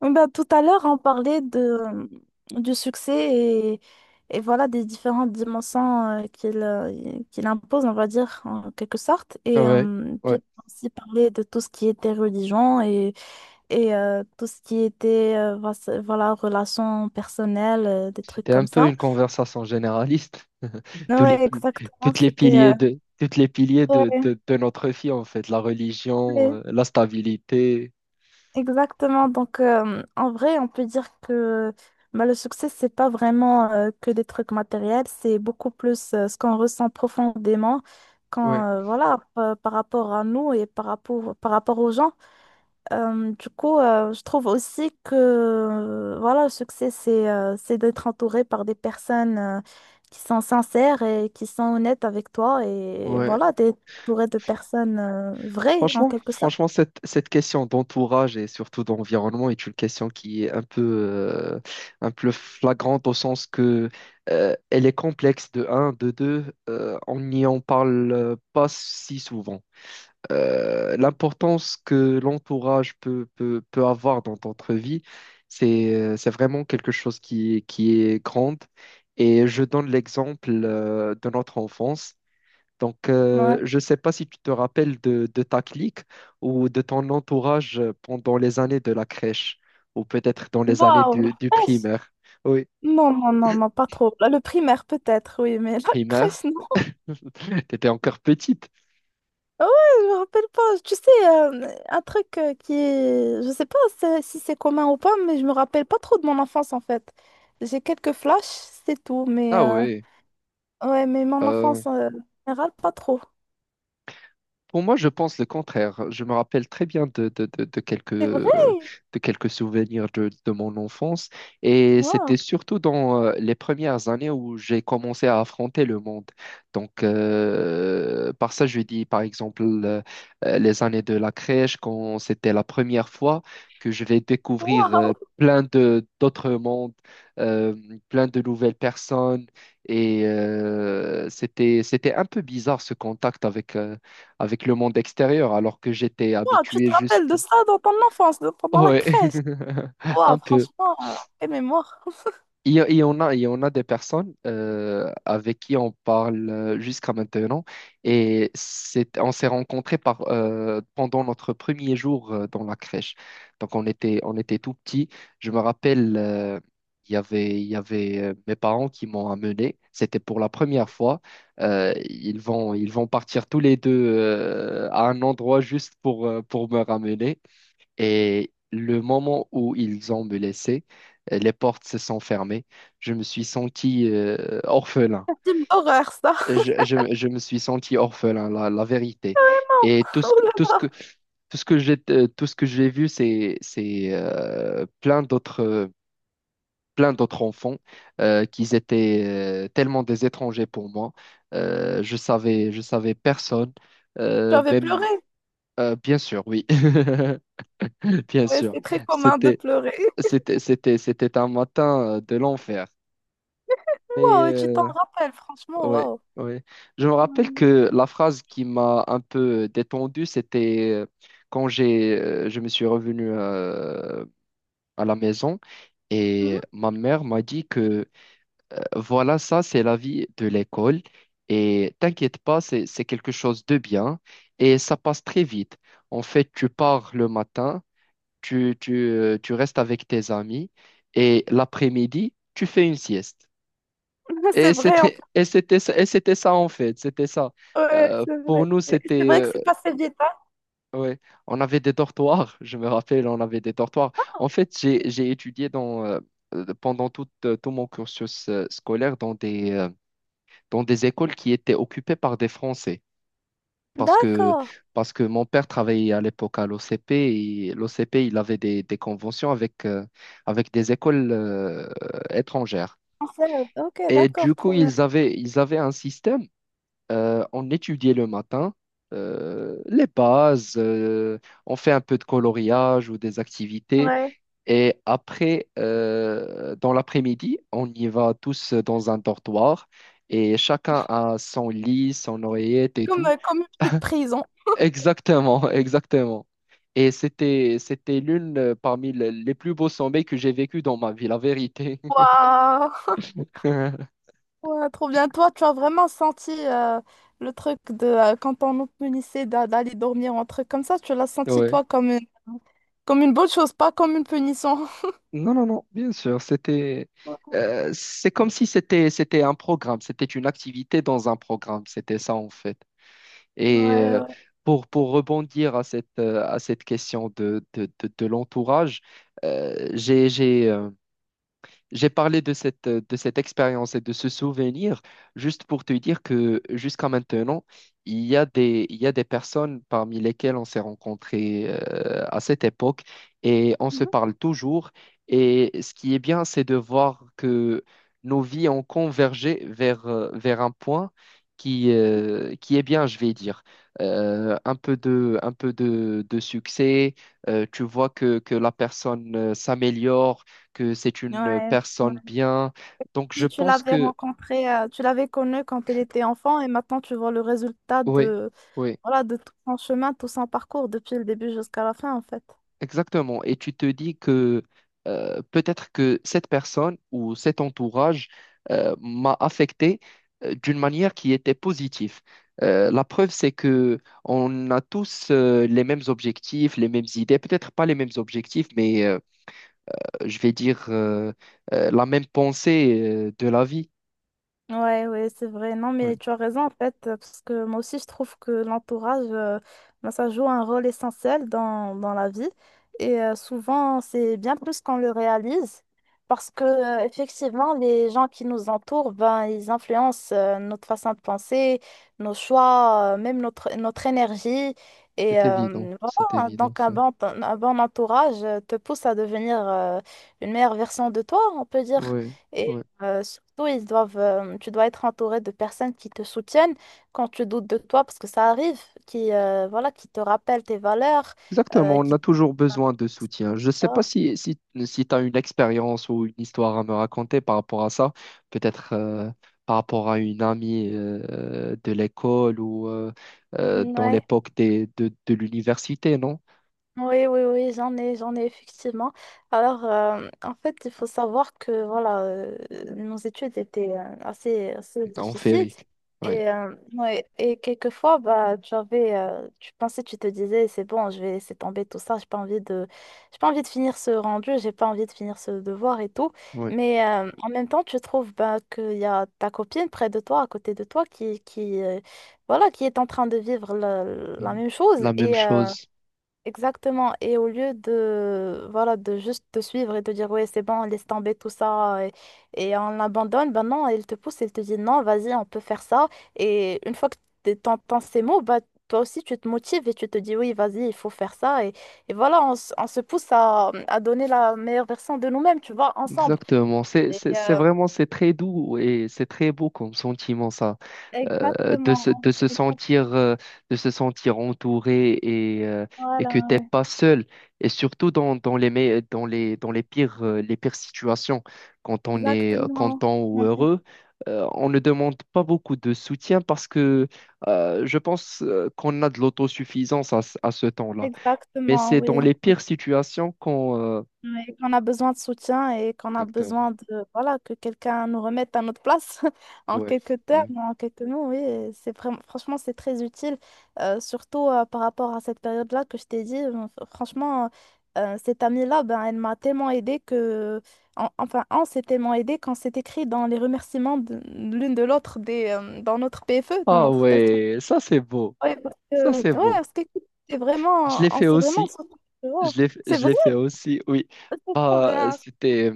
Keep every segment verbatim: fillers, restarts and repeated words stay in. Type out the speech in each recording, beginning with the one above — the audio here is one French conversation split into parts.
Oui. Bah, tout à l'heure, on parlait de, du succès et, et voilà des différentes dimensions euh, qu'il euh, qu'il impose, on va dire, en quelque sorte. Et Ouais, euh, puis, ouais. on a aussi parlé de tout ce qui était religion et, et euh, tout ce qui était euh, voici- voilà, relations personnelles, euh, des trucs C'était un comme peu ça. une conversation généraliste. Tous les, Ouais, pi- exactement. toutes les C'était. piliers Euh, de, toutes les piliers de, ouais, de, de notre vie, en fait. La religion, ouais. euh, la stabilité. Exactement. Donc, euh, en vrai, on peut dire que bah, le succès, c'est pas vraiment euh, que des trucs matériels, c'est beaucoup plus euh, ce qu'on ressent profondément quand, Ouais, euh, voilà, par, par rapport à nous et par rapport, par rapport aux gens. Euh, du coup, euh, je trouve aussi que, euh, voilà, le succès, c'est euh, c'est d'être entouré par des personnes euh, qui sont sincères et qui sont honnêtes avec toi et ouais. voilà, d'être entouré de personnes euh, vraies, en Franchement, quelque sorte. franchement, cette, cette question d'entourage et surtout d'environnement est une question qui est un peu, euh, un peu flagrante au sens que euh, elle est complexe de un, de deux, euh, on n'y en parle euh, pas si souvent. euh, l'importance que l'entourage peut, peut, peut avoir dans notre vie, c'est, euh, c'est vraiment quelque chose qui, est- qui est grande. Et je donne l'exemple euh, de notre enfance. Donc, Ouais. euh, je ne sais pas si tu te rappelles de, de ta clique ou de ton entourage pendant les années de la crèche ou peut-être dans les années Waouh! du, du primaire. Oui, Non, non, non, non, pas trop. Là, le primaire, peut-être, oui, mais la primaire, crèche, non. tu étais encore petite. Ah ouais, je me rappelle pas. Tu sais, euh, un truc euh, qui est... Je sais pas c'est- si c'est commun ou pas, mais je me rappelle pas trop de mon enfance, en fait. J'ai quelques flashs, c'est tout, mais... Ah euh, oui. ouais, mais mon enfance, euh, en général, pas trop. Pour moi, je pense le contraire. Je me rappelle très bien de, de, de, de quelques, C'est vrai? euh, de quelques souvenirs de, de mon enfance. Et Waouh! c'était surtout dans euh, les premières années où j'ai commencé à affronter le monde. Donc, euh, par ça, je dis par exemple euh, euh, les années de la crèche, quand c'était la première fois que je vais découvrir euh, Waouh! plein de d'autres mondes, euh, plein de nouvelles personnes. Et euh, c'était, c'était un peu bizarre ce contact avec, euh, avec le monde extérieur, alors que j'étais Waouh, tu habitué te rappelles juste, de ça dans ton enfance, de- pendant la ouais, crèche? Waouh, un peu. franchement, euh, quelle mémoire. Il y a- il y en a, il y en a des personnes euh, avec qui on parle euh, jusqu'à maintenant et c'est, on s'est rencontrés par, euh, pendant notre premier jour euh, dans la crèche. Donc on était, on était tout petits. Je me rappelle, euh, il y avait, il y avait euh, mes parents qui m'ont amené. C'était pour la première fois. Euh, ils vont, ils vont partir tous les deux euh, à un endroit juste pour, euh, pour me ramener. Et le moment où ils ont me laissé, euh, les portes se sont fermées. Je me suis senti euh, orphelin. C'est une horreur, ça. Je, je- je me suis senti orphelin, la, la vérité. Et tout ce Oh que, là tout ce que, là, tout ce que j'ai, euh, tout ce que j'ai vu, c'est, c'est euh, plein d'autres, euh, plein d'autres enfants euh, qui étaient euh, tellement des étrangers pour moi. Euh, je savais, je savais personne. tu Euh, avais même, pleuré. euh, bien sûr, oui. Bien Ouais, sûr, c'est très commun de c'était pleurer. c'était c'était c'était un matin euh, de l'enfer. Mais Wow, tu t'en euh, rappelles, franchement, ouais, wow. ouais. Je me rappelle Mhm. que la phrase qui m'a un peu euh, détendu, c'était euh, quand j'ai euh, je me suis revenu euh, à la maison et Mhm. ma mère m'a dit que euh, voilà, ça c'est la vie de l'école et t'inquiète pas, c'est c'est quelque chose de bien et ça passe très vite. En fait, tu pars le matin. tu, tu, euh, tu restes avec tes amis et l'après-midi, tu fais une sieste. C'est Et vrai, en fait. c'était, et c'était, ça- et c'était ça en fait, c'était ça. Ouais, Euh, c'est pour vrai. nous, C'est c'était, vrai que euh, c'est passé vite, hein. ouais, on avait des dortoirs, je me rappelle, on avait des dortoirs. En fait, j'ai, j'ai étudié dans, euh, euh, pendant tout, euh, tout mon cursus euh, scolaire dans des, euh, dans des écoles qui étaient occupées par des Français. parce que, D'accord. parce que mon père travaillait à l'époque à l'O C P et l'O C P, il avait des, des conventions avec, euh, avec des écoles euh, étrangères. En fait, ok, Et du d'accord, coup, trop bien. ils avaient, ils avaient un système. Euh, on étudiait le matin euh, les bases, euh, on fait un peu de coloriage ou des activités. Ouais. Et après, euh, dans l'après-midi, on y va tous dans un dortoir et chacun a son lit, son oreillette C'est et comme, tout. euh, comme une petite prison. Exactement, exactement. Et c'était, c'était l'une euh, parmi le- les plus beaux sommets que j'ai vécu dans ma vie, la vérité. Waouh! Ouais, trop bien. Toi, tu as vraiment senti euh, le truc de euh, quand on nous punissait d'a- d'aller dormir ou un truc comme ça, tu l'as senti Ouais. toi comme une, comme une bonne chose, pas comme une punition. Non, non, non, bien sûr. C'était, Ouais, euh, C'est comme si c'était, c'était un programme, c'était une activité dans un programme. C'était ça, en fait. Et euh, ouais. pour, pour rebondir à cette, euh, à cette question de, de, de, de l'entourage, euh, j'ai, j'ai, euh, j'ai parlé de cette, euh, de cette expérience et de ce souvenir juste pour te dire que jusqu'à maintenant, il y a des, il y a des personnes parmi lesquelles on s'est rencontrés euh, à cette époque et on se Mhm. parle toujours. Et ce qui est bien, c'est de voir que nos vies ont convergé vers, euh, vers un point qui, euh, qui est bien, je vais dire. Euh, un peu de, un peu de, de succès, euh, tu vois que, que la personne euh, s'améliore que c'est une Ouais. personne bien. Donc, je Si tu pense l'avais que, rencontré, euh, tu l'avais connu quand elle était enfant et maintenant tu vois le résultat oui, de, oui, voilà, de tout son chemin, tout son parcours depuis le début jusqu'à la fin en fait. exactement. Et tu te dis que euh, peut-être que cette personne ou cet entourage euh, m'a affecté euh, d'une manière qui était positive. Euh, la preuve, c'est que on a tous euh, les mêmes objectifs, les mêmes idées, peut-être pas les mêmes objectifs, mais euh, je vais dire euh, euh, la même pensée euh, de la vie. Ouais, ouais, c'est vrai. Non, mais Oui, tu as raison en fait, euh, parce que moi aussi je trouve que l'entourage, euh, ben, ça joue un rôle essentiel dans, dans la vie. Et euh, souvent, c'est bien plus qu'on le réalise, parce que euh, effectivement, les gens qui nous entourent, ben, ils influencent euh, notre façon de penser, nos choix, euh, même notre, notre énergie. Et c'est évident, euh, c'est voilà, évident, donc un ça. bon, un bon entourage euh, te pousse à devenir euh, une meilleure version de toi, on peut dire. Oui, Euh, surtout, ils doivent, euh, tu dois être entouré de personnes qui te soutiennent quand tu doutes de toi, parce que ça arrive, qui, euh, voilà, qui te rappellent tes valeurs, exactement, euh, on a qui... toujours besoin de soutien. Je ne sais pas ah, si, si, si tu as une expérience ou une histoire à me raconter par rapport à ça, peut-être euh, par rapport à une amie euh, de l'école ou euh, euh, dans ouais. l'époque des- de, de l'université, non? Oui, oui, oui, j'en ai, j'en ai effectivement. Alors, euh, en fait, il faut savoir que voilà, euh, nos études étaient euh, assez, assez En difficiles. féerique. Oui, Et, euh, ouais, et quelquefois, bah, tu avais, euh, tu pensais, tu te disais, c'est bon, je vais laisser tomber tout ça, j'ai pas envie de, j'ai pas envie de finir ce rendu, j'ai pas envie de finir ce devoir et tout. oui. Mais euh, en même temps, tu trouves bah, qu'il y a ta copine près de toi, à côté de toi, qui, qui, euh, voilà, qui est en train de vivre la, la Mm. même chose. La même Et, euh, chose. Exactement. Et au lieu de, voilà, de juste te suivre et te dire, ouais, c'est bon, laisse tomber tout ça et, et on l'abandonne, ben non, elle te pousse, elle te dit, non, vas-y, on peut faire ça. Et une fois que t'es- t'entends ces mots, bah, toi aussi, tu te motives et tu te dis, oui, vas-y, il faut faire ça. Et, et voilà, on, s- on se pousse à, à donner la meilleure version de nous-mêmes, tu vois, ensemble. Exactement. C'est, Et, c'est, c'est euh, vraiment, c'est très doux et c'est très beau comme sentiment, ça. Euh, de se, de exactement. se Exact- sentir, euh, de se sentir entouré et, euh, et Voilà, que t'es ouais. pas seul. Et surtout dans, dans les, me- dans les, dans les pires, euh, les pires situations, quand on est euh, Exactement. content ou Ouais. heureux, euh, on ne demande pas beaucoup de soutien parce que euh, je pense euh, qu'on a de l'autosuffisance à, ce- à ce temps-là. Mais Exactement, c'est oui. dans les pires situations qu'on... euh, Ouais, qu'on a besoin de soutien et qu'on a Exactement. besoin de voilà que quelqu'un nous remette à notre place en Ouais. quelques Ouais. termes, en quelques mots, oui, et c'est vraiment franchement c'est très utile, euh, surtout euh, par rapport à cette période-là que je t'ai dit. euh, fr- Franchement, euh, cette amie-là, ben, elle m'a tellement aidée que en- enfin on s'est tellement aidé qu'on s'est écrit dans les remerciements de- l'une de l'autre des euh, dans notre P F E, dans Ah notre test. ouais, ça c'est beau. Ouais, parce Ça que ouais, c'est beau. parce que c'est Je vraiment l'ai on fait s'est vraiment aussi. sentis- oh, Je l'ai, c'est Je vrai, l'ai fait aussi, oui. c'est trop Ah, bien. c'était,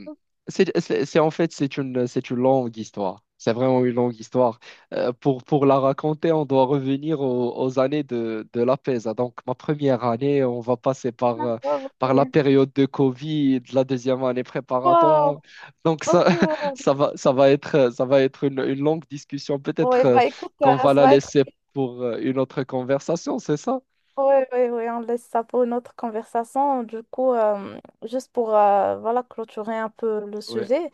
c'est, c'est- c'est- en fait, c'est une, c'est une longue histoire. C'est vraiment une longue histoire. Euh, pour, pour la raconter, on doit revenir aux, aux années de, de la P E S A. Donc, ma première année, on va passer par, euh, Oh, par la ok. période de Covid, la deuxième année préparatoire. Wow, Donc, ça, ok, wow. ça va, ça va être, ça va être une, une longue discussion. Peut-être, Ouais, euh, bah écoute, qu'on euh, va ça la va être. laisser pour, euh, une autre conversation, c'est ça? Ouais, ouais, ouais, on laisse ça pour une autre conversation. Du coup, euh, juste pour euh, voilà, clôturer un peu le Oui. sujet,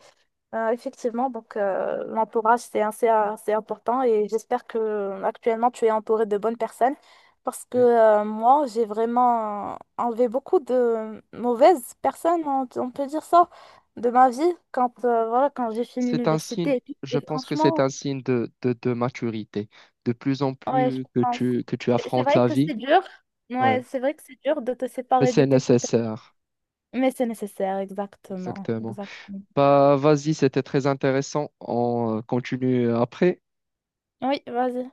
euh, effectivement, donc euh, l'entourage, c'est assez, assez important et j'espère que euh, actuellement tu es entouré de bonnes personnes parce que euh, moi, j'ai vraiment enlevé beaucoup de mauvaises personnes, on, on peut dire ça, de ma vie quand, euh, voilà, quand j'ai fini C'est un signe, l'université. Et, tout. je Et pense que c'est franchement, un signe de, de, de maturité. De plus en ouais, je plus que pense. tu, que tu C'est c'est affrontes vrai la que vie, c'est dur. Ouais, ouais. c'est vrai que c'est dur de te Mais séparer de c'est quelques personnes. nécessaire, Mais c'est nécessaire, exactement. exactement. Exactement. Bah, vas-y, c'était très intéressant. On euh, continue après. Oui, vas-y.